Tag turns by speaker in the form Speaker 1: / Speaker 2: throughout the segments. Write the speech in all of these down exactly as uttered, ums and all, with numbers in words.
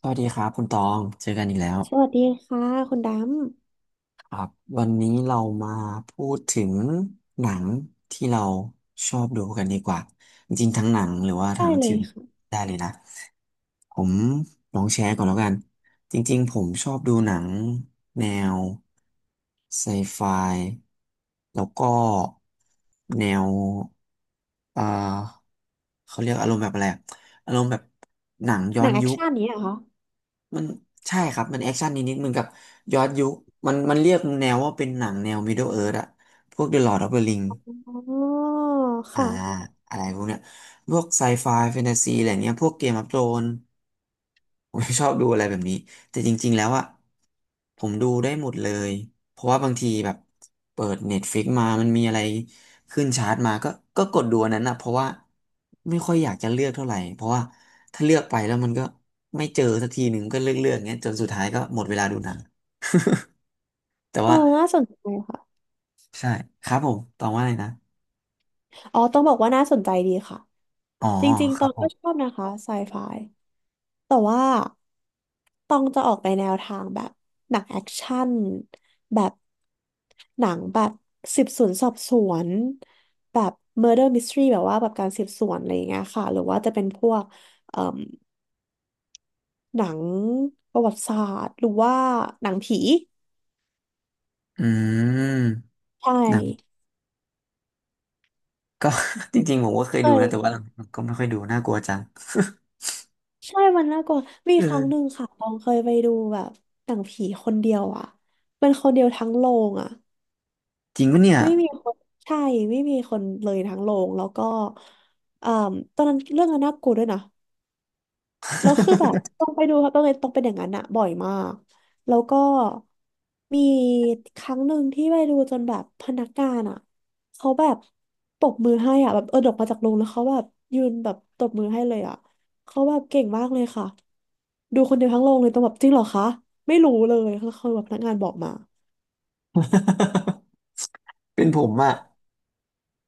Speaker 1: สวัสดีครับคุณตอง เจอกันอีกแล้ว
Speaker 2: สวัสดีค่ะคุณด
Speaker 1: ครับวันนี้เรามาพูดถึงหนังที่เราชอบดูกันดีกว่า จริงๆทั้งหนังหรือว่า
Speaker 2: ำได้
Speaker 1: ทั้ง
Speaker 2: เล
Speaker 1: ที
Speaker 2: ย
Speaker 1: วี
Speaker 2: ค่ะ
Speaker 1: ได้เลยนะ ผมลองแชร์ก่อนแล้วกัน จริงๆผมชอบดูหนังแนวไซไฟ แล้วก็แนวเอ่อเขาเรียกอารมณ์แบบอะไรอะอารมณ์แบบหนังย้
Speaker 2: ห
Speaker 1: อ
Speaker 2: นั
Speaker 1: น
Speaker 2: งแอค
Speaker 1: ยุค
Speaker 2: ชั่นนี้เหรอคะ
Speaker 1: มันใช่ครับ มันแอคชั่นนิดๆเหมือนกับย้อนยุคมันมันเรียกแนวว่าเป็นหนังแนว Middle Earth อะพวก The Lord of the Ring
Speaker 2: อ๋อ
Speaker 1: อ่า
Speaker 2: ค่ะ
Speaker 1: อะไรพวกเนี้ยพวกไซไฟแฟนตาซีอะไรเนี้ยพวกเกมออฟโธรนผม ไม่ชอบดูอะไรแบบนี้ แต่จริงๆแล้วอะผมดูได้หมดเลย เพราะว่าบางทีแบบเปิด Netflix มามันมีอะไรขึ้นชาร์ตมาก็ก็กดดูอันนั้นนะเพราะว่าไม่ค่อยอยากจะเลือกเท่าไหร่ เพราะว่าถ้าเลือกไปแล้วมันก็ไม่เจอสักทีหนึ่งก็เลือกเลือกเงี้ยจนสุดท้ายก็หมดเวลาดูหนัง แต่
Speaker 2: อ๋อ
Speaker 1: ว่า
Speaker 2: น่าสนใจค่ะ
Speaker 1: ใช่ครับผมตองว่าอะไรนะ
Speaker 2: อ๋อต้องบอกว่าน่าสนใจดีค่ะ
Speaker 1: อ๋อ
Speaker 2: จริง
Speaker 1: ค
Speaker 2: ๆต
Speaker 1: รั
Speaker 2: อ
Speaker 1: บ
Speaker 2: ง
Speaker 1: ผ
Speaker 2: ก็ชอ
Speaker 1: ม
Speaker 2: บนะคะไซไฟแต่ว่าตองจะออกไปแนวทางแบบหนังแอคชั่นแบบหนังแบบสืบสวนสอบสวนแบบ murder mystery แบบว่าแบบการสืบสวนอะไรอย่างเงี้ยค่ะหรือว่าจะเป็นพวกเอ่มหนังประวัติศาสตร์หรือว่าหนังผี
Speaker 1: อื
Speaker 2: ใช่
Speaker 1: ม ก็ จริงๆผมก็เคย
Speaker 2: เค
Speaker 1: ดูนะแต่ว่าหลั
Speaker 2: ย
Speaker 1: งๆก็ไม่ค่อยดูน่ากลัวจัง
Speaker 2: ใช่มันน่ากลัวมี
Speaker 1: เออ
Speaker 2: ครั้งหนึ่งค่ะ ตองเคยไปดูแบบหนังผีคนเดียวอ่ะเป็นคนเดียวทั้งโรงอ่ะ
Speaker 1: จริงปะเนี่ย
Speaker 2: ไม่มีคนใช่ไม่มีคนเลยทั้งโรงแล้วก็เอ่อตอนนั้นเรื่องนั้นน่ากลัวด้วยนะ แล้วคือแบบต้องไปดูครับต้องไปนต้องเป็นอย่างนั้นอะบ่อยมากแล้วก็มีครั้งหนึ่งที่ไปดูจนแบบพนักงานอะเขาแบบตบมือให้อะแบบเออออกมาจากโรงแล้วเขาแบบยืนแบบตบมือให้เลยอะเขาแบบเก่งมากเลยค่ะดูคนเดียวทั้งโรงเลยต้องแบบจริงเหรอคะไม่รู้เลยแล้วเขาแบบพนักงานบอกมา
Speaker 1: เป็นผมอะ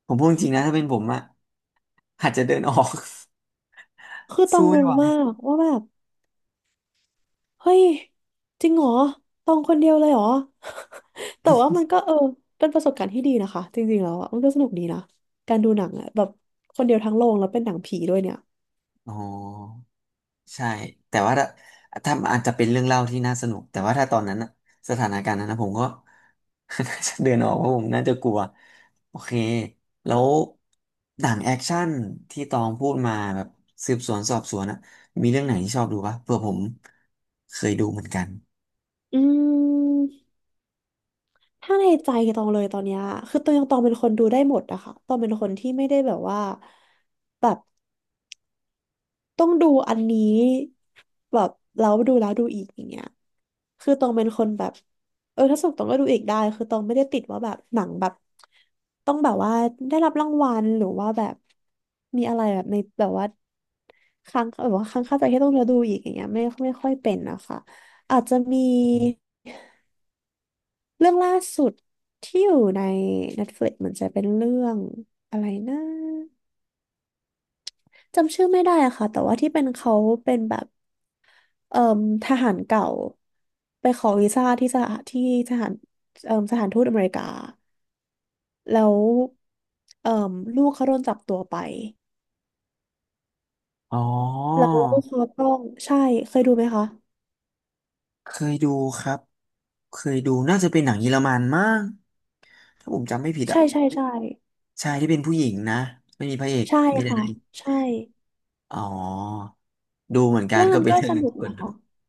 Speaker 1: ผมพูดจริงนะถ้าเป็นผมอะอาจจะเดินออก
Speaker 2: คือ ต้อง
Speaker 1: สู้
Speaker 2: ง
Speaker 1: ไม่
Speaker 2: ง
Speaker 1: ไหว
Speaker 2: มากว่าแบบ เฮ้ยจริงเหรอตองคนเดียวเลยเหรอ แต่ว่ามันก็เออเป็นประสบการณ์ที่ดีนะคะจริงๆแล้วอะมันก็สนุกดีนะการดูหนังอะแบบคนเดียวทั้งโรงแล้วเป็นหนังผีด้วยเนี่ย
Speaker 1: อ๋อ ใช่แต่ว่าถ้าถ้าอาจจะเป็นเรื่องเล่าที่น่าสนุก แต่ว่าถ้าตอนนั้นน่ะสถานการณ์นั้นนะผมก็ น่าจะเดินออกเพราะผมน่าจะกลัวโอเคแล้วหนังแอคชั่นที่ตองพูดมาแบบสืบสวนสอบสวนอะมีเรื่องไหนที่ชอบดูปะเผื่อผมเคยดูเหมือนกัน
Speaker 2: อืมถ้าในใจตองเลยตอนเนี้ยคือตองยังตองเป็นคนดูได้หมดอะค่ะตองเป็นคนที่ไม่ได้แบบว่าแบบ ต้องดูอันนี้แบบแล้วดูแล้วดูอีกอย่างเงี้ยคือตองเป็นคนแบบเออถ้าสนุกตองก็ดูอีกได้คือตองไม่ได้ติดว่าแบบหนังแบบต้องแบบว่าได้รับรางวัลหรือว่าแบบมีอะไรแบบในแบบว่าค้างแบบว่าค้างคาใจที่ต้องแล้วดูอีกอย่างเงี้ยไม่ไม่ค่อยเป็นนะคะอาจจะมีเรื่องล่าสุดที่อยู่ใน Netflix เหมือนจะเป็นเรื่องอะไรนะจำชื่อไม่ได้อะค่ะแต่ว่าที่เป็นเขาเป็นแบบ เอ่มทหารเก่าไปขอวีซ่าที่สถานที่ทหารเอ่มสถานทูตอเมริกาแล้วเอ่มลูกเขาโดนจับตัวไป
Speaker 1: อ๋อ
Speaker 2: แล้วเขาต้องใช่เคยดูไหมคะ
Speaker 1: เคยดูครับเคยดูน่าจะเป็นหนังเยอรมันมั้งถ้าผมจำไม่ผิดอะ
Speaker 2: ใช่ใช่ใช่
Speaker 1: ใชายที่เป็นผู้หญิงนะไม่มีพระเอก
Speaker 2: ใช่
Speaker 1: มีแต่
Speaker 2: ค่ะ
Speaker 1: นางเอก
Speaker 2: ใช่
Speaker 1: อ๋อดูเหมือนกั
Speaker 2: เรื่
Speaker 1: น
Speaker 2: อง
Speaker 1: ก็
Speaker 2: นั้น
Speaker 1: เป็น
Speaker 2: ก็
Speaker 1: เรื่อ
Speaker 2: ส
Speaker 1: งหนึ่ง
Speaker 2: นุก
Speaker 1: ที่ควร
Speaker 2: นะ
Speaker 1: ดู
Speaker 2: คะ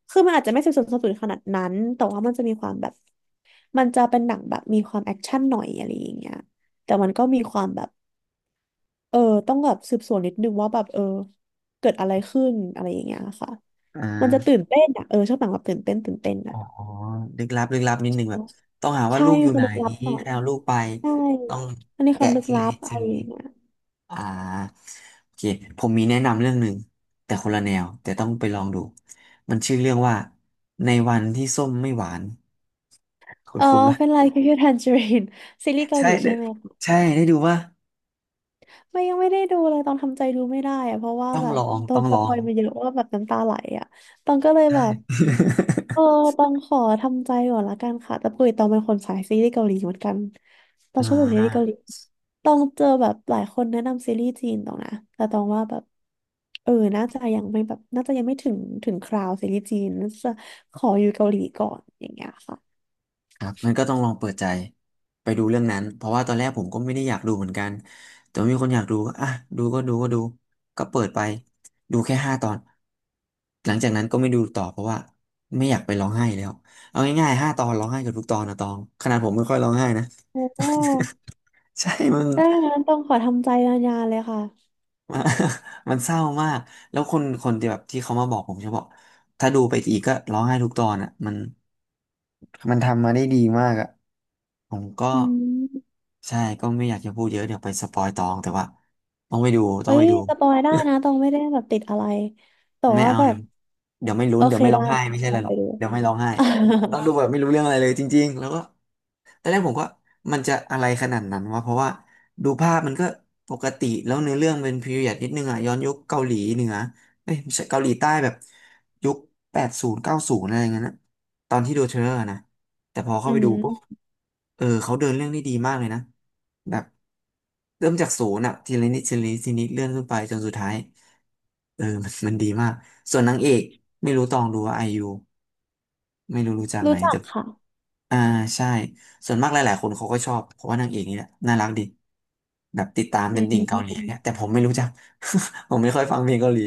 Speaker 2: คือมันอาจจะไม่สืบสวนสอบสวนขนาดนั้นแต่ว่ามันจะมีความแบบมันจะเป็นหนังแบบมีความแอคชั่นหน่อยอะไรอย่างเงี้ยแต่มันก็มีความแบบเออต้องแบบสืบสวนนิดนึงว่าแบบเออเกิดอะไรขึ้นอะไรอย่างเงี้ยค่ะ
Speaker 1: อ่
Speaker 2: มันจะตื่
Speaker 1: า
Speaker 2: นเต้นอ่ะเออชอบหนังแบบตื่นเต้นตื่นเต้น
Speaker 1: อ๋
Speaker 2: อ่ะ
Speaker 1: อลึกลับลึกลับนิดนึงแบบต้องหาว่า
Speaker 2: ใช่
Speaker 1: ลูกอ
Speaker 2: มี
Speaker 1: ยู่
Speaker 2: ควา
Speaker 1: ไห
Speaker 2: ม
Speaker 1: น
Speaker 2: ลึกลับหน่อ
Speaker 1: ใค
Speaker 2: ย
Speaker 1: รเอาลูกไป
Speaker 2: ใช่
Speaker 1: ต้อง
Speaker 2: อันนี้ค
Speaker 1: แกะ
Speaker 2: วามลึก
Speaker 1: ที
Speaker 2: ลั
Speaker 1: ละนิ
Speaker 2: บ
Speaker 1: ดที
Speaker 2: อะไร
Speaker 1: ละ
Speaker 2: อ
Speaker 1: นิ
Speaker 2: ย่า
Speaker 1: ด
Speaker 2: งเงี้ย
Speaker 1: อ่าโอเคผมมีแนะนำเรื่องหนึ่งแต่คนละแนวแต่ต้องไปลองดูมันชื่อเรื่องว่าในวันที่ส้มไม่หวาน คุณ
Speaker 2: เออ
Speaker 1: คุณว่า
Speaker 2: เป็นไรคิวคิวทันจริน ซีรีส์เกาห
Speaker 1: ใช่
Speaker 2: ลี
Speaker 1: ได้
Speaker 2: ใช่ไหมคะ
Speaker 1: ใช่ได้ดูว่า
Speaker 2: ไม่ยังไม่ได้ดูเลยตองทำใจดูไม่ได้อะเพราะว่า
Speaker 1: ต้อง
Speaker 2: แบบ
Speaker 1: ลอง
Speaker 2: โด
Speaker 1: ต้อ
Speaker 2: น
Speaker 1: ง
Speaker 2: ส
Speaker 1: ลอ
Speaker 2: ปอ
Speaker 1: ง
Speaker 2: ยมาเยอะว่าแบบน้ำตาไหลอ่ะตองก็เลยแบ
Speaker 1: ใช่
Speaker 2: บ เออ ต้องขอทำใจก่อนละกันค่ะแต่ปกติต้องเป็นคนสายซีรีส์เกาหลีเหมือนกันต้อ
Speaker 1: อ่
Speaker 2: งชอบดูซีรีส์เกาหลี
Speaker 1: า
Speaker 2: ต้องเจอแบบหลายคนแนะนำซีรีส์จีนตองนะแต่ต้องว่าแบบเออน่าจะยังไม่แบบน่าจะยังไม่ถึงถึงคราวซีรีส์จีนน่าจะขออยู่เกาหลีก่อนอย่างเงี้ยค่ะ
Speaker 1: ครับมันก็ต้องลองเปิดใจไปดูเรื่องนั้นเพราะว่าตอนแรกผมก็ไม่ได้อยากดูเหมือนกันแต่ว่ามีคนอยากดูก็อ่ะดูก็ดูก็ดูก็เปิดไปดูแค่ห้าตอนหลังจากนั้นก็ไม่ดูต่อเพราะว่าไม่อยากไปร้องไห้แล้วเอาง่ายๆห้าตอนร้องไห้เกับทุกตอนนะตองขนาดผมไม่ค่อยร้องไห้นะ
Speaker 2: โอ้
Speaker 1: ใช่มัน
Speaker 2: ได้งั้นต้องขอทำใจนานๆเลยค่ะ
Speaker 1: มันมันเศร้ามากแล้วคนคนที่แบบที่เขามาบอกผมจะบอกถ้าดูไปอีกก็ร้องไห้ทุกตอนอ่ะมัน มันทำมาได้ดีมากอ่ะผมก็
Speaker 2: อืม
Speaker 1: ใช่ก็ไม่อยากจะพูดเยอะเดี๋ยวไปสปอยตองแต่ว่าต้องไปดูต้
Speaker 2: เอ้
Speaker 1: องไป
Speaker 2: ย
Speaker 1: ดู
Speaker 2: สปอยได้นะต้องไม่ได้แบบติดอะไรแต่
Speaker 1: ไม่
Speaker 2: ว่า
Speaker 1: เอา
Speaker 2: แบ
Speaker 1: เดี๋
Speaker 2: บ
Speaker 1: ยวเดี๋ยวไม่ลุ้
Speaker 2: โอ
Speaker 1: นเดี๋ย
Speaker 2: เค
Speaker 1: วไม่ร้อ
Speaker 2: ได้
Speaker 1: งไห้
Speaker 2: ค่ะ
Speaker 1: ไม่ใช่
Speaker 2: เดี๋ยว
Speaker 1: อะ
Speaker 2: ต้
Speaker 1: ไร
Speaker 2: อง
Speaker 1: หร
Speaker 2: ไป
Speaker 1: อก
Speaker 2: ดู
Speaker 1: เดี๋ยวไม่ร้องไห้ ต้องดูแบบไม่รู้เรื่องอะไรเลยจริงๆแล้วก็ ตอนแรกผมก็มันจะอะไรขนาดนั้นวะเพราะว่าดูภาพมันก็ปกติแล้วเนื้อเรื่องเป็นพีเรียดนิดนึงอ่ะย้อนยุคเกาหลีเหนือเอ้ยไม่ใช่เกาหลีใต้แบบยุคแปดศูนย์เก้าศูนย์อะไรอย่างเงี้ยนะตอนที่ดูเทรลเลอร์นะแต่พอเข้า
Speaker 2: อื
Speaker 1: ไปดูปุ๊บ
Speaker 2: ม
Speaker 1: เออเขาเดินเรื่องได้ดีมากเลยนะแบบเริ่มจากศูนย์อ่ะทีละนิดทีละนิดทีละนิดเลื่อนขึ้นไปจนสุดท้าย เออ มันมันดีมากส่วนนางเอกไม่รู้ตองดูว่าไอยูไม่รู้รู้จักไหม
Speaker 2: รู้จัก
Speaker 1: แต่
Speaker 2: ค่ะ
Speaker 1: อ่าใช่ส่วนมากหลายๆคนเขาก็ชอบเพราะว่านางเอกนี่แหละน่ารักดีแบบติดตาม
Speaker 2: อื
Speaker 1: เป็นติ่งเกาหลีเนี่ย
Speaker 2: ม
Speaker 1: แต่ผมไม่รู้จัก ผมไม่ค่อยฟังเพลงเกาหลี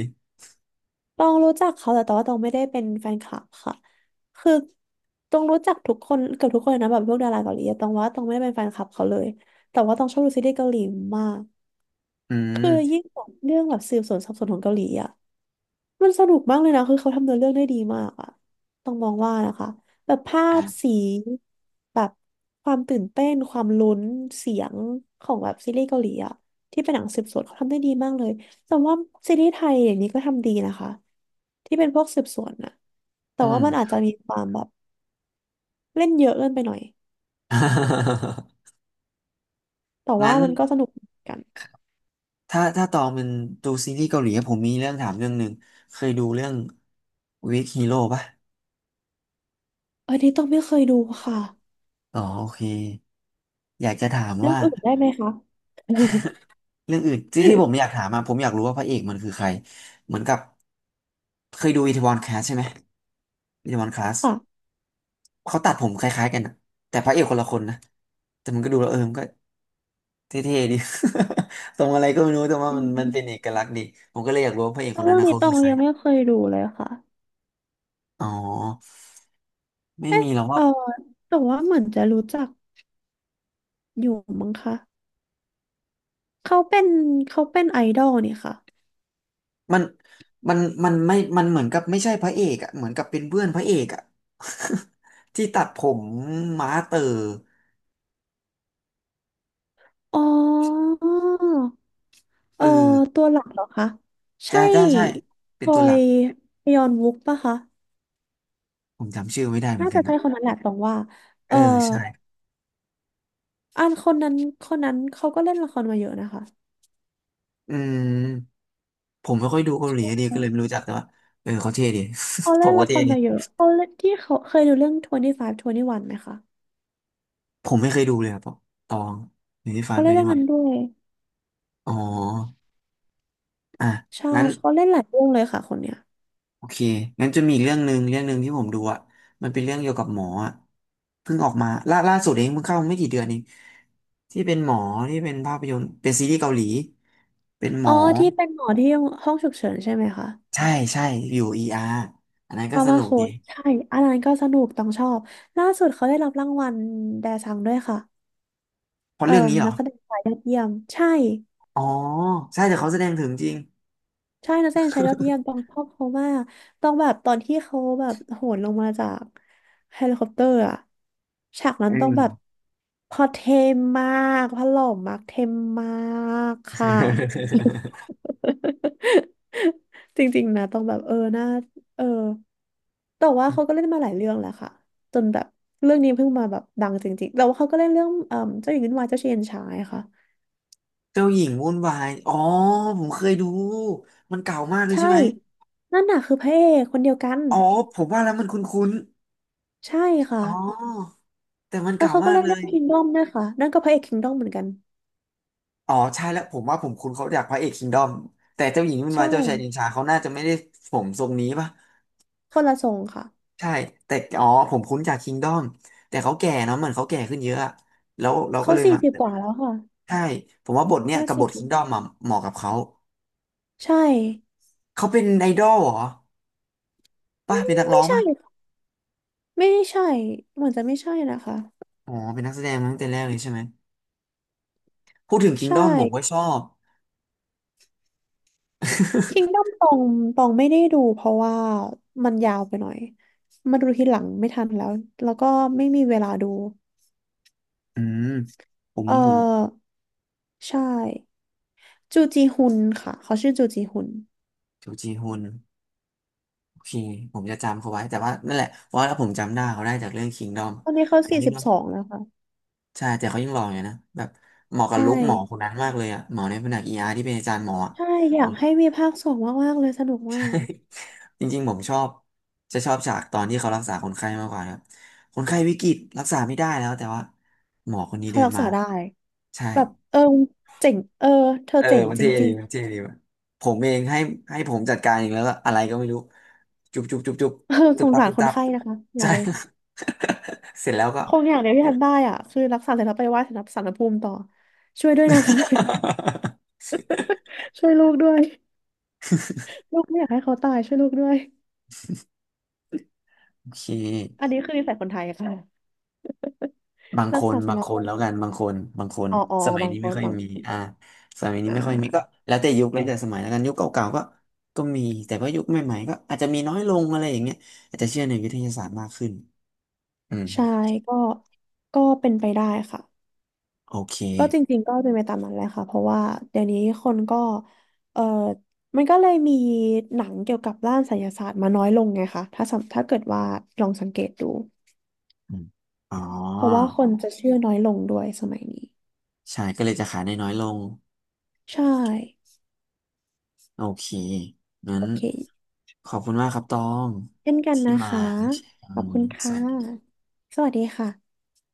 Speaker 2: ตองรู้จักเขาแต่ตองว่าตองไม่ได้เป็นแฟนคลับค่ะคือตองรู้จักทุกคนเกือบทุกคนเลยนะแบบพวกดาราเกาหลีอะตองว่าตองไม่ได้เป็นแฟนคลับเขาเลยแต่ว่าตองชอบดูซีรีส์เกาหลีมาก
Speaker 1: อื
Speaker 2: คือ
Speaker 1: ม
Speaker 2: ยิ่งแบบเรื่องแบบสืบสวนสอบสวนของเกาหลีอะ มันสนุกมากเลยนะ คือเขาทำเนื้อเรื่องได้ดีมากอะต้องมองว่านะคะแบบภาพ
Speaker 1: อ่ะ
Speaker 2: สีแบบความตื่นเต้นความลุ้นเสียงของแบบซีรีส์เกาหลีอะที่เป็นหนังสืบสวนเขาทำได้ดีมากเลย แต่ว่าซีรีส์ไทยเดี๋ยวนี้ก็ทำดีนะคะที่เป็นพวกสืบสวนอะแต่
Speaker 1: อื
Speaker 2: ว่า
Speaker 1: ม
Speaker 2: มันอาจจะมีความแบบเล่นเยอะเกินไปหน่อย แต่ว่า
Speaker 1: งั้น
Speaker 2: มันก็สนุกเหมือนกัน
Speaker 1: ถ้าถ้าตองเป็นดูซีรีส์เกาหลีผมมีเรื่องถามเรื่องหนึ่งเคยดูเรื่อง ดับเบิลยู อี เอ เค ฮีโร่ ป่ะ
Speaker 2: อันนี้ต้องไม่เคยดูค่ะ
Speaker 1: อ๋อโอเคอยากจะถาม
Speaker 2: เรื่อง
Speaker 1: ว่า
Speaker 2: อื่นได้ไหมคะ
Speaker 1: เรื่องอื่นที่ที่ผมอยากถามมาผมอยากรู้ว่าพระเอกมันคือใครเหมือนกับเคยดูอีทวอนคลาสใช่ไหมอีทวอนคลาส
Speaker 2: ค่ะ
Speaker 1: เขาตัดผมคล้ายๆกันนะแต่พระเอกคนละคนนะแต่มันก็ดูแล้วเออมันก็เท่ๆดี ตรงอะไรก็ไม่รู้แต่ว่า
Speaker 2: อื
Speaker 1: มัน
Speaker 2: ม
Speaker 1: มันเป็นเอกลักษณ์ดีผมก็เลยอยากรู้ว่าพระเอกคนนั้
Speaker 2: เรื่
Speaker 1: น
Speaker 2: อง
Speaker 1: นะ
Speaker 2: นี้
Speaker 1: เขา
Speaker 2: ตอ
Speaker 1: คือ
Speaker 2: ง
Speaker 1: ใคร
Speaker 2: ยังไม่เคยดูเลยค่ะ
Speaker 1: อ๋อไม่มีหรอก
Speaker 2: เอ
Speaker 1: ว่า
Speaker 2: อแต่ว่าเหมือนจะรู้จักอยู่มั้งคะเขาเป็นเขาเป็นไอดอลนี่ค่ะ
Speaker 1: มันมันมันไม่มันเหมือนกับไม่ใช่พระเอกอะเหมือนกับเป็นเพื่อนพระเอกอะ ที่ตัดผมม้าเต๋อ
Speaker 2: อ๋อเอ
Speaker 1: เออ
Speaker 2: อตัวหลักเหรอคะ
Speaker 1: ใช่
Speaker 2: ใช่
Speaker 1: ใช่ใช่เป็
Speaker 2: จ
Speaker 1: น
Speaker 2: อ
Speaker 1: ตัวหลั
Speaker 2: ย
Speaker 1: ก
Speaker 2: ยอนวุกปะคะ
Speaker 1: ผมจำชื่อไม่ได้เหมือ
Speaker 2: น่า
Speaker 1: นกั
Speaker 2: จะ
Speaker 1: น
Speaker 2: ใช่
Speaker 1: นะ
Speaker 2: คนนั้นแหละตรงว่า
Speaker 1: เอ
Speaker 2: เอ
Speaker 1: อ
Speaker 2: อ
Speaker 1: ใช่
Speaker 2: อันคนนั้นคนนั้นเขาก็เล่นละครมาเยอะนะคะ
Speaker 1: อืมผมไม่ค่อยดูเกาหลีอะดีก็เลยไม่รู้จักแต่ว่าเออเขาเท่ดี
Speaker 2: เขา
Speaker 1: ผ
Speaker 2: เล่
Speaker 1: ม
Speaker 2: น
Speaker 1: ก็
Speaker 2: ละค
Speaker 1: เท่
Speaker 2: ร
Speaker 1: ดี
Speaker 2: มาเยอะเขาเล่นที่เขาเคยดูเรื่องยี่สิบห้า ยี่สิบเอ็ดไหมคะ
Speaker 1: ผมไม่เคยดูเลยครับวตองหรือที่ฟั
Speaker 2: เขา
Speaker 1: นไป
Speaker 2: เล่น
Speaker 1: ดี
Speaker 2: เรื่อง
Speaker 1: กว่า
Speaker 2: นั้นด้วย
Speaker 1: อ๋ออ่ะ
Speaker 2: ใช่
Speaker 1: งั้น
Speaker 2: เขาเล่นหลายเรื่องเลยค่ะคนเนี้ย
Speaker 1: โอเคงั้นจะมีอีกเรื่องหนึ่งเรื่องหนึ่งที่ผมดูอ่ะมันเป็นเรื่องเกี่ยวกับหมออ่ะเพิ่งออกมาล่าล่าสุดเองเพิ่งเข้าไม่กี่เดือนเองที่เป็นหมอที่เป็นภาพยนตร์เป็นซีรีส์เกาหลีเป็นหม
Speaker 2: อ๋อ
Speaker 1: อ
Speaker 2: ที่เป็นหมอที่ห้องฉุกเฉินใช่ไหมคะ
Speaker 1: ใช่ใช่อยู่เออาร์อันนั้น
Speaker 2: ด
Speaker 1: ก็
Speaker 2: รา
Speaker 1: ส
Speaker 2: ม่า
Speaker 1: นุก
Speaker 2: โค้
Speaker 1: ดี
Speaker 2: ดใช่อันนั้นก็สนุกต้องชอบล่าสุดเขาได้รับรางวัลแดซังด้วยค่ะ
Speaker 1: เพราะ
Speaker 2: เอ่อ
Speaker 1: เรื่องนี้เหร
Speaker 2: นั
Speaker 1: อ
Speaker 2: กแสดงชายยอดเยี่ยมใช่
Speaker 1: อ๋อใช่แต่เขาแสดงถึงจริง
Speaker 2: ใช่นักแสดงชายยอดเยี่ยมต้องชอบเขามากต้องแบบตอนที่เขาแบบโหนลงมาจากเฮลิคอปเตอร์อะฉากนั้
Speaker 1: อื
Speaker 2: นต้อง
Speaker 1: ม
Speaker 2: แบบพอเทมมากพอหล่อมากเทมมากค่ะ จริงๆนะต้องแบบเออน่าเออแต่ว่าเขาก็ เล่นมาหลายเรื่องแล้วค่ะจนแบบเรื่องนี้เพิ่งมาแบบดังจริงๆแต่ว่าเขาก็เล่นเรื่องเอ่อเจ้าหญิงวุ่นวายเจ้าชายเย็นชายค่ะ
Speaker 1: เจ้าหญิงวุ่นวายอ๋อผมเคยดูมันเก่ามากเลย
Speaker 2: ใช่
Speaker 1: ใช่ไหม
Speaker 2: นั่นน่ะคือพระเอกคนเดียวกัน
Speaker 1: อ๋อผมว่าแล้วมันคุ้น
Speaker 2: ใช่ค่ะ
Speaker 1: ๆอ๋อแต่มัน
Speaker 2: แล้ว
Speaker 1: เก่า
Speaker 2: เขาก็
Speaker 1: มาก
Speaker 2: เล่น
Speaker 1: เล
Speaker 2: เรื่อ
Speaker 1: ย
Speaker 2: งคิงดอมด้วยค่ะนั่นก็พระเอกคิงดอมเหมือนกัน
Speaker 1: อ๋อใช่แล้วผมว่าผมคุ้นเขาจากพระเอกคิงดอมแต่เจ้าหญิงวุ่นวา
Speaker 2: ใช่
Speaker 1: ยเจ้าชายชิงช้าเขาน่าจะไม่ได้ผมทรงนี้ป่ะ
Speaker 2: คนละทรงค่ะ
Speaker 1: ใช่แต่อ๋อผมคุ้นจากคิงดอมแต่เขาแก่เนาะเหมือนเขาแก่ขึ้นเยอะอะแล้วเราก็
Speaker 2: เขา
Speaker 1: เลย
Speaker 2: สี่
Speaker 1: มา
Speaker 2: สิบกว่าแล้วค่ะ
Speaker 1: ใช่ผมว่าบทเนี้ย
Speaker 2: ห้า
Speaker 1: กับบ
Speaker 2: สิบ
Speaker 1: ทคิงดอมมาเหมาะกับเขา
Speaker 2: ใช่
Speaker 1: เขาเป็นไอดอลเหรอป่ะเป็นนักร้
Speaker 2: ไม่
Speaker 1: อง
Speaker 2: ใช่
Speaker 1: ป่ะ
Speaker 2: ไม่ใช่เหมือนจะไม่ใช่นะคะ
Speaker 1: อ๋อเป็นนักแสดงมาตั้งแต่แรกเลยใช่ไหมพูดถึงคิง
Speaker 2: ใช่
Speaker 1: ดอมผมก็ชอบ
Speaker 2: คิงด o มตองตองไม่ได้ดูเพราะว่ามันยาวไปหน่อยมาดูทีหลังไม่ทันแล้วแล้วก็ไม่มีเวลาดู
Speaker 1: อืมผม
Speaker 2: เอ
Speaker 1: ผม
Speaker 2: อใช่จูจีฮุนค่ะเขาชื่อจูจีฮุน
Speaker 1: จูจีฮุนโอเคผมจะจำเขาไว้แต่ว่านั่นแหละเพราะว่าผมจำหน้าเขาได้จากเรื่องคิงดอม
Speaker 2: ตอนนี้เขา
Speaker 1: แต่
Speaker 2: สี่
Speaker 1: คิง
Speaker 2: สิ
Speaker 1: ด
Speaker 2: บ
Speaker 1: อม
Speaker 2: สองแล้วค่ะ
Speaker 1: ใช่แต่เขายังหล่ออยู่นะแบบเหมาะกับ
Speaker 2: ใช่
Speaker 1: ลุคหมอคนนั้นมากเลยอะหมอในแผนกเออาร์ที่เป็นอาจารย์หมออะ
Speaker 2: ใช่อยากให้มีภาคสองมากๆเลยสนุกมาก
Speaker 1: จริงๆผมชอบจะชอบฉากตอนที่เขารักษาคนไข้มากกว่าครับคนไข้วิกฤตรักษาไม่ได้แล้วแต่ว่าหมอคนนี้
Speaker 2: เขา
Speaker 1: เดิน
Speaker 2: รัก
Speaker 1: มา
Speaker 2: ษาได้
Speaker 1: ใช่
Speaker 2: แบบเออเจ๋งเออเธอ
Speaker 1: เออ
Speaker 2: เจ๋ง
Speaker 1: มัน
Speaker 2: จ
Speaker 1: เท่
Speaker 2: ริ
Speaker 1: ดี
Speaker 2: ง
Speaker 1: มันเท่ดีว่ะผมเองให้ให้ผมจัดการเองแล้วก็อะไรก็ไม่รู้จุบจุบจุบจุบ
Speaker 2: ๆ เออ
Speaker 1: ตึ
Speaker 2: ส
Speaker 1: บ
Speaker 2: ง
Speaker 1: ตับ
Speaker 2: สาร
Speaker 1: ตึบ
Speaker 2: คน
Speaker 1: ตับ
Speaker 2: ไข้นะคะอย่า
Speaker 1: ใช่
Speaker 2: เลย
Speaker 1: เสร็จแล้วก็
Speaker 2: คงอย่างเดียวที่ทำได้อ่ะคือรักษาเสร็จแล้วไปไหว้สารพระภูมิต่อช่วยด้วยนะคะ ช่วยลูกด้วย ลูกไม่อยากให้เขาตายช่วยลูกด้วย
Speaker 1: โอเค
Speaker 2: อันนี้คือนิสัยคนไทยค่ะ
Speaker 1: บางค
Speaker 2: รัก
Speaker 1: น
Speaker 2: ษาส
Speaker 1: บาง
Speaker 2: น
Speaker 1: ค
Speaker 2: บ
Speaker 1: นแล้วกันบางคนบางคน
Speaker 2: อ๋ออ๋อ
Speaker 1: สมัย
Speaker 2: บาง
Speaker 1: นี้
Speaker 2: ค
Speaker 1: ไม่
Speaker 2: น
Speaker 1: ค่อย
Speaker 2: บาง
Speaker 1: มีอ่าสมัยนี้
Speaker 2: อ่
Speaker 1: ไม่ค่อยมีก็
Speaker 2: า
Speaker 1: แล้วแต่ยุคแล้วแต่สมัยแล้วกันยุคเก่าๆก็ก็มีแต่ว่ายุคใหม่ๆก็อาจจะมีน้อยลงอะไรอย่างเงี้ยอาจจะเชื่อในวิทยาศาสตร์มากขึ้นอืม
Speaker 2: ใช่ก็ก็เป็นไปได้ค่ะ
Speaker 1: โอเค
Speaker 2: ก็จริงๆก็เป็นไปตามนั้นแหละค่ะเพราะว่าเดี๋ยวนี้คนก็เออมันก็เลยมีหนังเกี่ยวกับด้านไสยศาสตร์มาน้อยลงไงคะถ้าสำถ้าเกิดว่าลองสังเกตดู
Speaker 1: อืมอ๋อ
Speaker 2: เพราะว่าคนจะเชื่อน้อยลงด้วยสมัยนี้
Speaker 1: ใช่ก็เลยจะขายได้น้อยลง
Speaker 2: ใช่
Speaker 1: โอเคงั้น
Speaker 2: โอเค
Speaker 1: ขอบคุณมากครับตอง
Speaker 2: เช่นกัน
Speaker 1: ที่
Speaker 2: นะ
Speaker 1: มา
Speaker 2: คะ
Speaker 1: แชร์อื
Speaker 2: ขอบ
Speaker 1: ม
Speaker 2: คุณ
Speaker 1: ส
Speaker 2: ค่
Speaker 1: วัสดี
Speaker 2: ะสวัสดีค่ะ